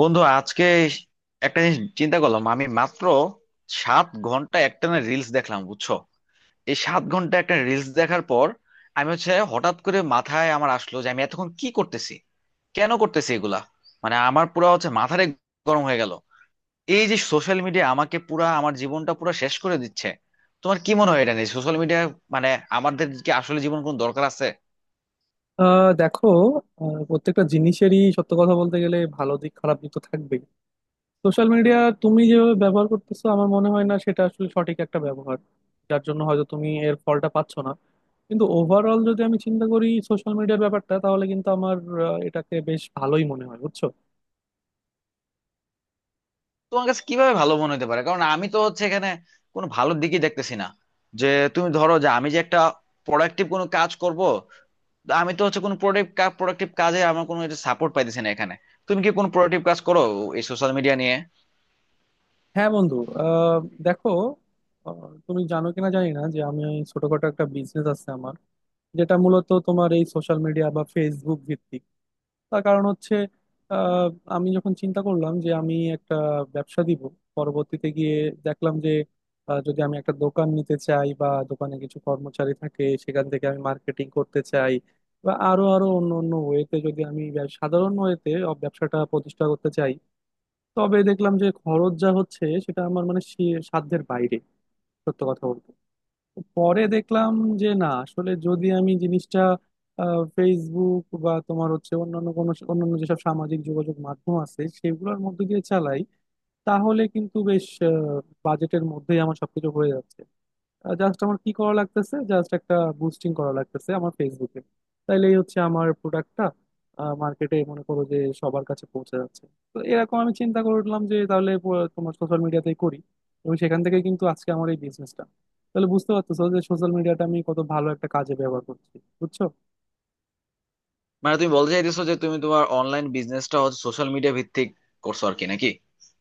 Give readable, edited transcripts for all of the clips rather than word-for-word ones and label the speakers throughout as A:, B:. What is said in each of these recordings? A: বন্ধু আজকে একটা জিনিস চিন্তা করলাম। আমি মাত্র 7 ঘন্টা একটানা রিলস দেখলাম, বুঝছো? এই 7 ঘন্টা একটা রিলস দেখার পর আমি হচ্ছে হঠাৎ করে মাথায় আমার আসলো যে আমি এতক্ষণ কি করতেছি, কেন করতেছি এগুলা। মানে আমার পুরা হচ্ছে মাথারে গরম হয়ে গেল। এই যে সোশ্যাল মিডিয়া আমাকে পুরা, আমার জীবনটা পুরা শেষ করে দিচ্ছে। তোমার কি মনে হয় এটা নিয়ে? সোশ্যাল মিডিয়া মানে আমাদের কি আসলে জীবন কোনো দরকার আছে?
B: দেখো। প্রত্যেকটা জিনিসেরই সত্য কথা বলতে গেলে ভালো দিক খারাপ দিক তো থাকবেই। সোশ্যাল মিডিয়া তুমি যেভাবে ব্যবহার করতেছো আমার মনে হয় না সেটা আসলে সঠিক একটা ব্যবহার, যার জন্য হয়তো তুমি এর ফলটা পাচ্ছ না। কিন্তু ওভারঅল যদি আমি চিন্তা করি সোশ্যাল মিডিয়ার ব্যাপারটা, তাহলে কিন্তু আমার এটাকে বেশ ভালোই মনে হয়, বুঝছো।
A: তোমার কাছে কিভাবে ভালো মনে হতে পারে? কারণ আমি তো হচ্ছে এখানে কোনো ভালো দিকই দেখতেছি না। যে তুমি ধরো যে আমি যে একটা প্রোডাক্টিভ কোনো কাজ করব, তো আমি তো হচ্ছে কোনো প্রোডাক্টিভ কাজে আমার কোনো সাপোর্ট পাইতেছি না এখানে। তুমি কি কোনো প্রোডাক্টিভ কাজ করো এই সোশ্যাল মিডিয়া নিয়ে?
B: হ্যাঁ বন্ধু। আহ, দেখো। আহ, তুমি জানো কিনা জানি না যে আমি ছোটখাটো একটা বিজনেস আছে আমার, যেটা মূলত তোমার এই সোশ্যাল মিডিয়া বা ফেসবুক ভিত্তিক। তার কারণ হচ্ছে, আহ, আমি যখন চিন্তা করলাম যে আমি একটা ব্যবসা দিব, পরবর্তীতে গিয়ে দেখলাম যে যদি আমি একটা দোকান নিতে চাই বা দোকানে কিছু কর্মচারী থাকে সেখান থেকে আমি মার্কেটিং করতে চাই, বা আরো আরো অন্য অন্য ওয়েতে যদি আমি সাধারণ ওয়েতে ব্যবসাটা প্রতিষ্ঠা করতে চাই, তবে দেখলাম যে খরচ যা হচ্ছে সেটা আমার মানে সাধ্যের বাইরে, সত্য কথা বলতে। পরে দেখলাম যে না, আসলে যদি আমি জিনিসটা ফেসবুক বা তোমার হচ্ছে অন্যান্য কোনো অন্যান্য যেসব সামাজিক যোগাযোগ মাধ্যম আছে সেগুলোর মধ্যে দিয়ে চালাই, তাহলে কিন্তু বেশ বাজেটের মধ্যেই আমার সবকিছু হয়ে যাচ্ছে। জাস্ট আমার কি করা লাগতেছে, জাস্ট একটা বুস্টিং করা লাগতেছে আমার ফেসবুকে, তাইলেই হচ্ছে আমার প্রোডাক্টটা মার্কেটে মনে করো যে সবার কাছে পৌঁছে যাচ্ছে। তো এরকম আমি চিন্তা করলাম যে তাহলে তোমার সোশ্যাল মিডিয়াতেই করি, এবং সেখান থেকে কিন্তু আজকে আমার এই বিজনেসটা। তাহলে বুঝতে পারতেছো যে সোশ্যাল মিডিয়াটা আমি কত ভালো একটা কাজে ব্যবহার করছি, বুঝছো।
A: মানে তুমি বলতে চাইতেছো যে তুমি তোমার অনলাইন বিজনেসটা হচ্ছে সোশ্যাল মিডিয়া ভিত্তিক করছো আর কি, নাকি?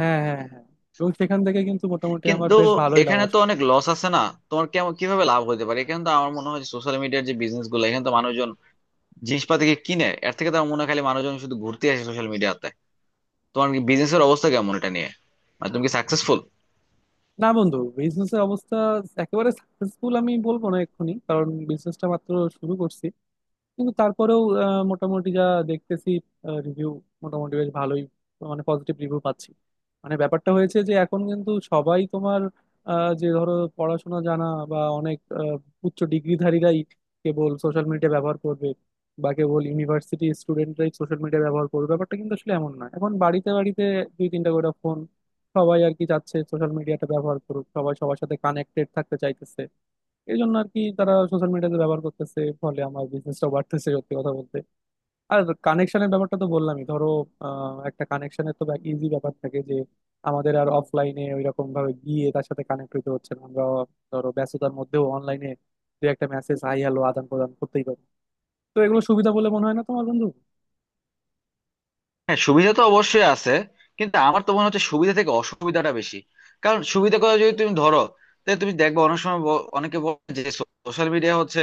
B: হ্যাঁ, হ্যাঁ, হ্যাঁ, এবং সেখান থেকে কিন্তু মোটামুটি আমার
A: কিন্তু
B: বেশ ভালোই লাভ
A: এখানে তো
B: আসছে।
A: অনেক লস আছে না? তোমার কেমন, কিভাবে লাভ হতে পারে? এখানে তো আমার মনে হয় সোশ্যাল মিডিয়ার যে বিজনেস গুলো, এখানে তো মানুষজন জিনিসপাতি কিনে, এর থেকে তো আমার মনে হয় খালি মানুষজন শুধু ঘুরতে আসে সোশ্যাল মিডিয়াতে। তোমার বিজনেসের অবস্থা কেমন এটা নিয়ে? মানে তুমি কি সাকসেসফুল?
B: না বন্ধু, বিজনেস এর অবস্থা একেবারে সাকসেসফুল আমি বলবো না এক্ষুনি, কারণ বিজনেসটা মাত্র শুরু করছি। কিন্তু তারপরেও মোটামুটি যা দেখতেছি, রিভিউ মোটামুটি বেশ ভালোই, মানে পজিটিভ রিভিউ পাচ্ছি। মানে ব্যাপারটা হয়েছে যে এখন কিন্তু সবাই তোমার যে ধরো পড়াশোনা জানা বা অনেক উচ্চ ডিগ্রিধারীরাই কেবল সোশ্যাল মিডিয়া ব্যবহার করবে বা কেবল ইউনিভার্সিটি স্টুডেন্টরাই সোশ্যাল মিডিয়া ব্যবহার করবে, ব্যাপারটা কিন্তু আসলে এমন না। এখন বাড়িতে বাড়িতে দুই তিনটা করে ফোন। সবাই আর কি চাচ্ছে সোশ্যাল মিডিয়াটা ব্যবহার করুক, সবাই সবার সাথে কানেক্টেড থাকতে চাইতেছে। এই জন্য আর কি তারা সোশ্যাল মিডিয়াতে ব্যবহার করতেছে, ফলে আমার বিজনেসটা বাড়তেছে, সত্যি কথা বলতে। আর কানেকশনের ব্যাপারটা তো বললামই, ধরো একটা কানেকশনের তো ইজি ব্যাপার থাকে, যে আমাদের আর অফলাইনে ওইরকম ভাবে গিয়ে তার সাথে কানেক্ট হতে হচ্ছে না, আমরা ধরো ব্যস্ততার মধ্যেও অনলাইনে দু একটা মেসেজ হাই হ্যালো আদান প্রদান করতেই পারি। তো এগুলো সুবিধা বলে মনে হয় না তোমার বন্ধু?
A: হ্যাঁ, সুবিধা তো অবশ্যই আছে, কিন্তু আমার তো মনে হচ্ছে সুবিধা থেকে অসুবিধাটা বেশি। কারণ সুবিধা করে যদি তুমি ধরো, তাহলে তুমি দেখবে অনেক সময় অনেকে বলে যে সোশ্যাল মিডিয়া হচ্ছে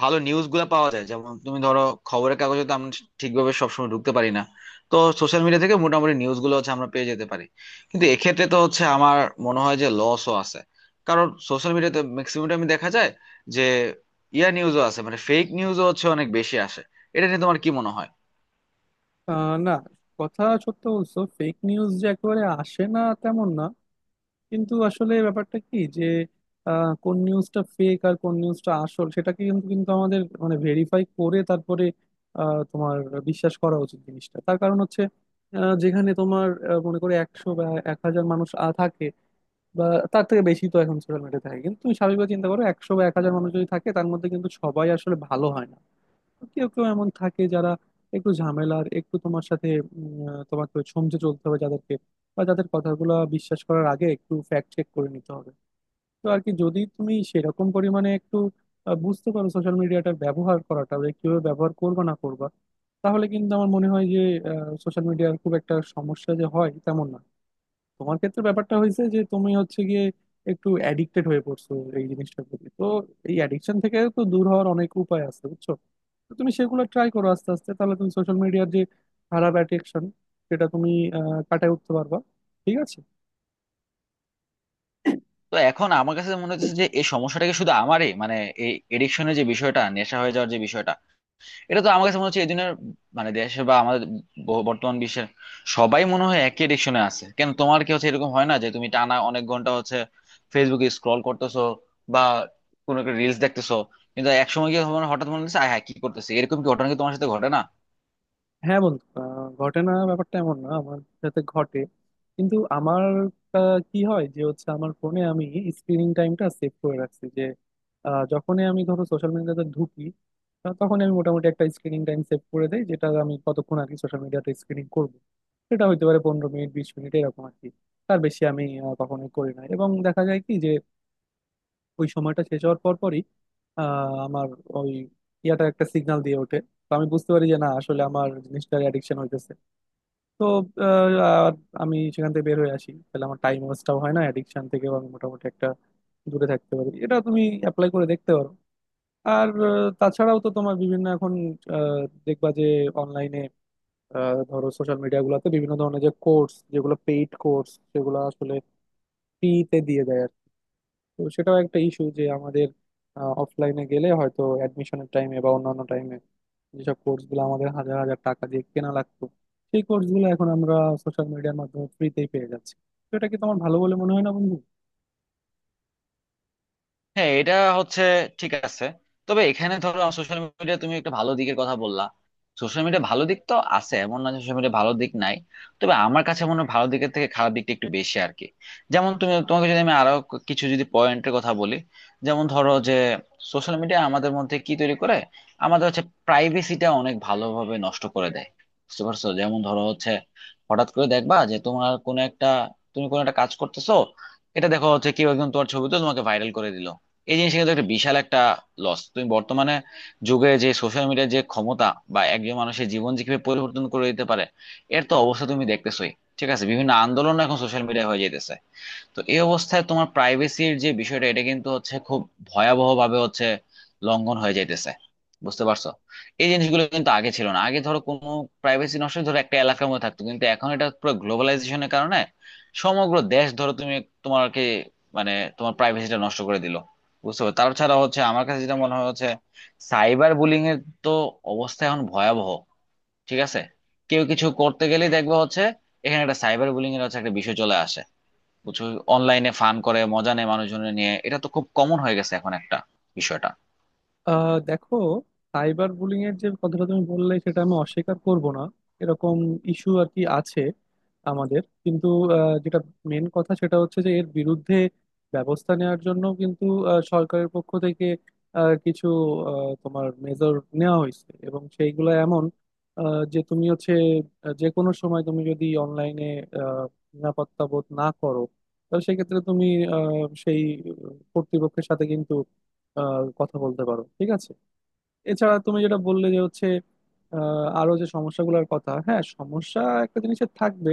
A: ভালো নিউজ গুলা পাওয়া যায়। যেমন তুমি ধরো, খবরের কাগজে তো আমরা ঠিকভাবে সবসময় ঢুকতে পারি না, তো সোশ্যাল মিডিয়া থেকে মোটামুটি নিউজ গুলো হচ্ছে আমরা পেয়ে যেতে পারি। কিন্তু এক্ষেত্রে তো হচ্ছে আমার মনে হয় যে লসও আছে। কারণ সোশ্যাল মিডিয়াতে ম্যাক্সিমাম আমি দেখা যায় যে ইয়া নিউজও আছে, মানে ফেক নিউজও হচ্ছে অনেক বেশি আসে। এটা নিয়ে তোমার কি মনে হয়?
B: না, কথা সত্য বলছো, ফেক নিউজ যে একেবারে আসে না তেমন না। কিন্তু আসলে ব্যাপারটা কি যে কোন নিউজটা ফেক আর কোন নিউজটা আসল সেটাকে কিন্তু কিন্তু আমাদের মানে ভেরিফাই করে তারপরে তোমার বিশ্বাস করা উচিত জিনিসটা। তার কারণ হচ্ছে, যেখানে তোমার মনে করে 100 বা 1,000 মানুষ থাকে, বা তার থেকে বেশি তো এখন সোশ্যাল মিডিয়া থাকে, কিন্তু তুমি স্বাভাবিকভাবে চিন্তা করো, 100 বা 1,000 মানুষ যদি থাকে তার মধ্যে কিন্তু সবাই আসলে ভালো হয় না। কেউ কেউ এমন থাকে যারা একটু ঝামেলার, একটু তোমার সাথে তোমাকে সমঝে চলতে হবে যাদেরকে, বা যাদের কথাগুলো বিশ্বাস করার আগে একটু ফ্যাক্ট চেক করে নিতে হবে। তো আর কি যদি তুমি সেরকম পরিমাণে একটু বুঝতে পারো সোশ্যাল মিডিয়াটার ব্যবহার করাটা, যে কিভাবে ব্যবহার করবা না করবা, তাহলে কিন্তু আমার মনে হয় যে সোশ্যাল মিডিয়ার খুব একটা সমস্যা যে হয় তেমন না। তোমার ক্ষেত্রে ব্যাপারটা হয়েছে যে তুমি হচ্ছে গিয়ে একটু অ্যাডিক্টেড হয়ে পড়ছো এই জিনিসটার প্রতি। তো এই অ্যাডিকশন থেকে তো দূর হওয়ার অনেক উপায় আছে, বুঝছো। তো তুমি সেগুলো ট্রাই করো আস্তে আস্তে, তাহলে তুমি সোশ্যাল মিডিয়ার যে খারাপ অ্যাডিকশন, সেটা তুমি কাটায় উঠতে পারবা। ঠিক আছে।
A: তো এখন আমার কাছে মনে হচ্ছে যে এই সমস্যাটা কি শুধু আমারই? মানে এই এডিকশনের যে বিষয়টা, নেশা হয়ে যাওয়ার যে বিষয়টা, এটা তো আমার কাছে মনে হচ্ছে এই দিনের, মানে দেশে বা আমাদের বর্তমান বিশ্বের সবাই মনে হয় একই এডিকশনে আছে। কেন, তোমার কি হচ্ছে এরকম হয় না যে তুমি টানা অনেক ঘন্টা হচ্ছে ফেসবুকে স্ক্রল করতেছো বা কোনো একটা রিলস দেখতেছো, কিন্তু একসময় গিয়ে তোমার হঠাৎ মনে হচ্ছে আয় হ্যাঁ কি করতেছি? এরকম কি ঘটনা কি তোমার সাথে ঘটে না?
B: হ্যাঁ বন্ধু, ঘটে না ব্যাপারটা এমন না, আমার সাথে ঘটে। কিন্তু আমার কি হয় যে হচ্ছে আমার ফোনে আমি স্ক্রিনিং টাইমটা সেভ করে রাখছি, যে যখনই আমি ধরো সোশ্যাল মিডিয়াতে ঢুকি তখনই আমি মোটামুটি একটা স্ক্রিনিং টাইম সেভ করে দেই, যেটা আমি কতক্ষণ আর কি সোশ্যাল মিডিয়াতে স্ক্রিনিং করব। সেটা হইতে পারে 15 মিনিট, 20 মিনিট, এরকম আর কি। তার বেশি আমি কখনোই করি না। এবং দেখা যায় কি যে ওই সময়টা শেষ হওয়ার পর পরই আমার ওই ইয়াটা একটা সিগন্যাল দিয়ে ওঠে। তো আমি বুঝতে পারি যে না আসলে আমার জিনিসটার অ্যাডিকশন হইতেছে। তো আহ, আর আমি সেখান থেকে বের হয়ে আসি, তাহলে আমার টাইম ওয়েস্টটাও হয় না, অ্যাডিকশন থেকেও আমি মোটামুটি একটা দূরে থাকতে পারি। এটা তুমি অ্যাপ্লাই করে দেখতে পারো। আর তাছাড়াও তো তোমার বিভিন্ন এখন আহ, দেখবা যে অনলাইনে ধরো সোশ্যাল মিডিয়া গুলোতে বিভিন্ন ধরনের যে কোর্স, যেগুলো পেইড কোর্স, সেগুলো আসলে ফ্রিতে দিয়ে দেয়। তো সেটাও একটা ইস্যু যে আমাদের অফলাইনে গেলে হয়তো অ্যাডমিশনের টাইমে বা অন্যান্য টাইমে যেসব কোর্সগুলো আমাদের হাজার হাজার টাকা দিয়ে কেনা লাগতো, সেই কোর্সগুলো এখন আমরা সোশ্যাল মিডিয়ার মাধ্যমে ফ্রিতেই পেয়ে যাচ্ছি। তো এটা কি তোমার ভালো বলে মনে হয় না বন্ধু?
A: হ্যাঁ, এটা হচ্ছে ঠিক আছে। তবে এখানে ধরো সোশ্যাল মিডিয়া তুমি একটা ভালো দিকের কথা বললা। সোশ্যাল মিডিয়া ভালো দিক তো আছে, এমন না সোশ্যাল মিডিয়া ভালো দিক নাই। তবে আমার কাছে মনে হয় ভালো দিকের থেকে খারাপ দিকটা একটু বেশি আর কি। যেমন তুমি, তোমাকে যদি আমি আরো কিছু যদি পয়েন্টের কথা বলি, যেমন ধরো যে সোশ্যাল মিডিয়া আমাদের মধ্যে কি তৈরি করে, আমাদের হচ্ছে প্রাইভেসিটা অনেক ভালোভাবে নষ্ট করে দেয়। বুঝতে পারছো? যেমন ধরো হচ্ছে হঠাৎ করে দেখবা যে তোমার কোনো একটা, তুমি কোনো একটা কাজ করতেছো, এটা দেখো হচ্ছে কেউ একজন তোমার ছবি তো তোমাকে ভাইরাল করে দিল। এই জিনিসটা কিন্তু একটা বিশাল একটা লস। তুমি বর্তমানে যুগে যে সোশ্যাল মিডিয়ার যে ক্ষমতা বা একজন মানুষের জীবন যে কিভাবে পরিবর্তন করে দিতে পারে, এর তো অবস্থা তুমি দেখতেছোই। ঠিক আছে, বিভিন্ন আন্দোলন এখন সোশ্যাল মিডিয়া হয়ে যাইতেছে। তো এই অবস্থায় তোমার প্রাইভেসির যে বিষয়টা, এটা কিন্তু হচ্ছে খুব ভয়াবহ ভাবে হচ্ছে লঙ্ঘন হয়ে যাইতেছে। বুঝতে পারছো? এই জিনিসগুলো কিন্তু আগে ছিল না। আগে ধরো কোনো প্রাইভেসি নষ্ট হলে ধরো একটা এলাকার মধ্যে থাকতো, কিন্তু এখন এটা পুরো গ্লোবালাইজেশনের কারণে সমগ্র দেশ ধরো তুমি, তোমাকে, মানে তোমার প্রাইভেসিটা নষ্ট করে দিল। বুঝতে পারছো? তাছাড়া হচ্ছে আমার কাছে যেটা মনে হয় হচ্ছে সাইবার বুলিং এর তো অবস্থা এখন ভয়াবহ। ঠিক আছে, কেউ কিছু করতে গেলেই দেখবে হচ্ছে এখানে একটা সাইবার বুলিং এর হচ্ছে একটা বিষয় চলে আসে। বুঝছো? অনলাইনে ফান করে মজা নেয় মানুষজনের নিয়ে, এটা তো খুব কমন হয়ে গেছে এখন একটা বিষয়টা।
B: দেখো, সাইবার বুলিং এর যে কথাটা তুমি বললে সেটা আমি অস্বীকার করব না, এরকম ইস্যু আর কি আছে আমাদের। কিন্তু যেটা মেন কথা সেটা হচ্ছে যে এর বিরুদ্ধে ব্যবস্থা নেওয়ার জন্য কিন্তু সরকারের পক্ষ থেকে কিছু তোমার মেজর নেওয়া হয়েছে, এবং সেইগুলো এমন যে তুমি হচ্ছে যে কোনো সময় তুমি যদি অনলাইনে নিরাপত্তা বোধ না করো, তাহলে সেক্ষেত্রে তুমি সেই কর্তৃপক্ষের সাথে কিন্তু কথা বলতে পারো। ঠিক আছে। এছাড়া তুমি যেটা বললে যে হচ্ছে আরো যে সমস্যাগুলোর কথা, হ্যাঁ সমস্যা একটা জিনিসের থাকবে,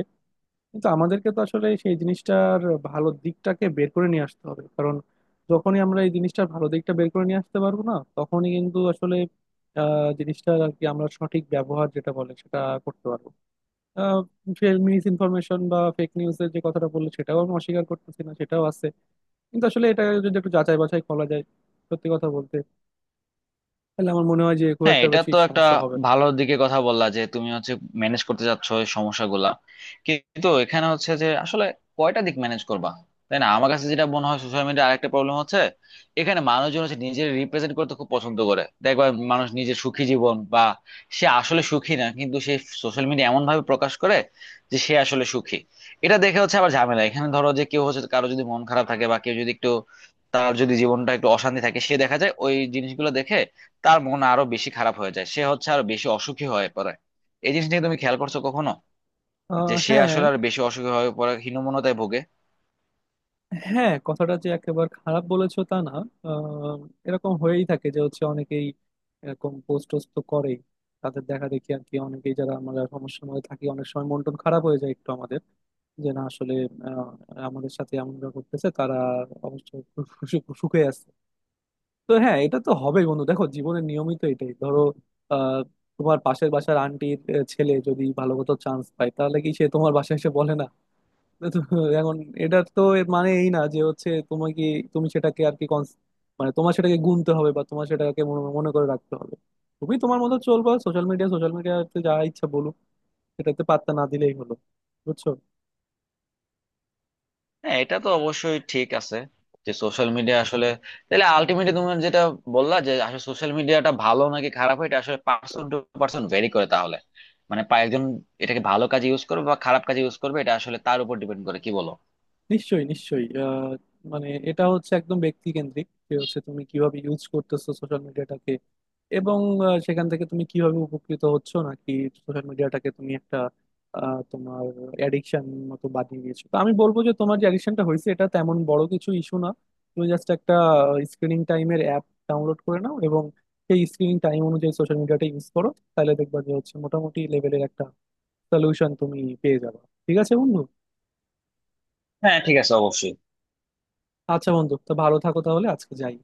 B: কিন্তু আমাদেরকে তো আসলে সেই জিনিসটার ভালো দিকটাকে বের করে নিয়ে আসতে হবে। কারণ যখনই আমরা এই জিনিসটার ভালো দিকটা বের করে নিয়ে আসতে পারবো না, তখনই কিন্তু আসলে জিনিসটার আর কি আমরা সঠিক ব্যবহার যেটা বলে সেটা করতে পারবো। মিস ইনফরমেশন বা ফেক নিউজের যে কথাটা বললে সেটাও আমি অস্বীকার করতেছি না, সেটাও আছে, কিন্তু আসলে এটা যদি একটু যাচাই বাছাই করা যায় সত্যি কথা বলতে, তাহলে আমার মনে হয় যে খুব
A: হ্যাঁ,
B: একটা
A: এটা
B: বেশি
A: তো একটা
B: সমস্যা হবে না।
A: ভালো দিকে কথা বললা যে তুমি হচ্ছে ম্যানেজ করতে চাচ্ছ এই সমস্যাগুলা। কিন্তু এখানে হচ্ছে যে আসলে কয়টা দিক ম্যানেজ করবা, তাই না? আমার কাছে যেটা মনে হয় সোশ্যাল মিডিয়ার আরেকটা প্রবলেম হচ্ছে, এখানে মানুষজন হচ্ছে নিজের রিপ্রেজেন্ট করতে খুব পছন্দ করে দেখবা। মানুষ নিজের সুখী জীবন বা সে আসলে সুখী না, কিন্তু সে সোশ্যাল মিডিয়া এমন ভাবে প্রকাশ করে যে সে আসলে সুখী। এটা দেখে হচ্ছে আবার ঝামেলা। এখানে ধরো যে কেউ হচ্ছে কারো যদি মন খারাপ থাকে বা কেউ যদি একটু, তার যদি জীবনটা একটু অশান্তি থাকে, সে দেখা যায় ওই জিনিসগুলো দেখে তার মন আরো বেশি খারাপ হয়ে যায়, সে হচ্ছে আরো বেশি অসুখী হয়ে পড়ে। এই জিনিসটা কি তুমি খেয়াল করছো কখনো, যে সে
B: হ্যাঁ।
A: আসলে আরো বেশি অসুখী হয়ে পড়ে হীনমন্যতায় ভোগে?
B: হ্যাঁ, কথাটা যে একেবারে খারাপ বলেছো তা না। আহ, এরকম হয়েই থাকে যে হচ্ছে অনেকেই এরকম পোস্ট টোস্ট তো করেই। তাদের দেখা দেখি আর কি অনেকেই, যারা আমরা সমস্যার মধ্যে থাকি, অনেক সময় মন টন খারাপ হয়ে যায় একটু আমাদের, যে না আসলে আহ, আমাদের সাথে এমনটা করতেছে তারা অবশ্য সু- সু- সুখে আছে। তো হ্যাঁ, এটা তো হবে বন্ধু। দেখো জীবনের নিয়মিত এটাই, ধরো আহ, তোমার পাশের বাসার আন্টির ছেলে যদি ভালো মতো চান্স পায় তাহলে কি সে তোমার বাসায় এসে বলে না? তো এখন এটার তো এর মানে এই না যে হচ্ছে তোমার কি, তুমি সেটাকে আর কি মানে তোমার সেটাকে গুনতে হবে বা তোমার সেটাকে মনে মনে করে রাখতে হবে। তুমি তোমার মতো চলবা, সোশ্যাল মিডিয়া সোশ্যাল মিডিয়াতে যা ইচ্ছা বলুক, সেটাতে পাত্তা না দিলেই হলো, বুঝছো।
A: হ্যাঁ, এটা তো অবশ্যই ঠিক আছে যে সোশ্যাল মিডিয়া আসলে, তাহলে আলটিমেটলি তুমি যেটা বললা যে আসলে সোশ্যাল মিডিয়াটা ভালো নাকি খারাপ, এটা আসলে পার্সন টু পার্সন ভেরি করে। তাহলে মানে একজন এটাকে ভালো কাজে ইউজ করবে বা খারাপ কাজে ইউজ করবে, এটা আসলে তার উপর ডিপেন্ড করে, কি বলো?
B: নিশ্চয়ই, নিশ্চয়ই। মানে এটা হচ্ছে একদম ব্যক্তিকেন্দ্রিক যে হচ্ছে তুমি কিভাবে ইউজ করতেছো সোশ্যাল মিডিয়াটাকে, এবং সেখান থেকে তুমি কিভাবে উপকৃত হচ্ছ, নাকি সোশ্যাল মিডিয়াটাকে তুমি একটা তোমার অ্যাডিকশন মতো বানিয়ে দিয়েছো। তো আমি বলবো যে তোমার যে অ্যাডিকশনটা হয়েছে এটা তেমন বড় কিছু ইস্যু না। তুমি জাস্ট একটা স্ক্রিনিং টাইমের অ্যাপ ডাউনলোড করে নাও, এবং সেই স্ক্রিনিং টাইম অনুযায়ী সোশ্যাল মিডিয়াটা ইউজ করো। তাহলে দেখবা যে হচ্ছে মোটামুটি লেভেলের একটা সলিউশন তুমি পেয়ে যাবে। ঠিক আছে বন্ধু।
A: হ্যাঁ, ঠিক আছে, অবশ্যই।
B: আচ্ছা বন্ধু, তো ভালো থাকো, তাহলে আজকে যাই।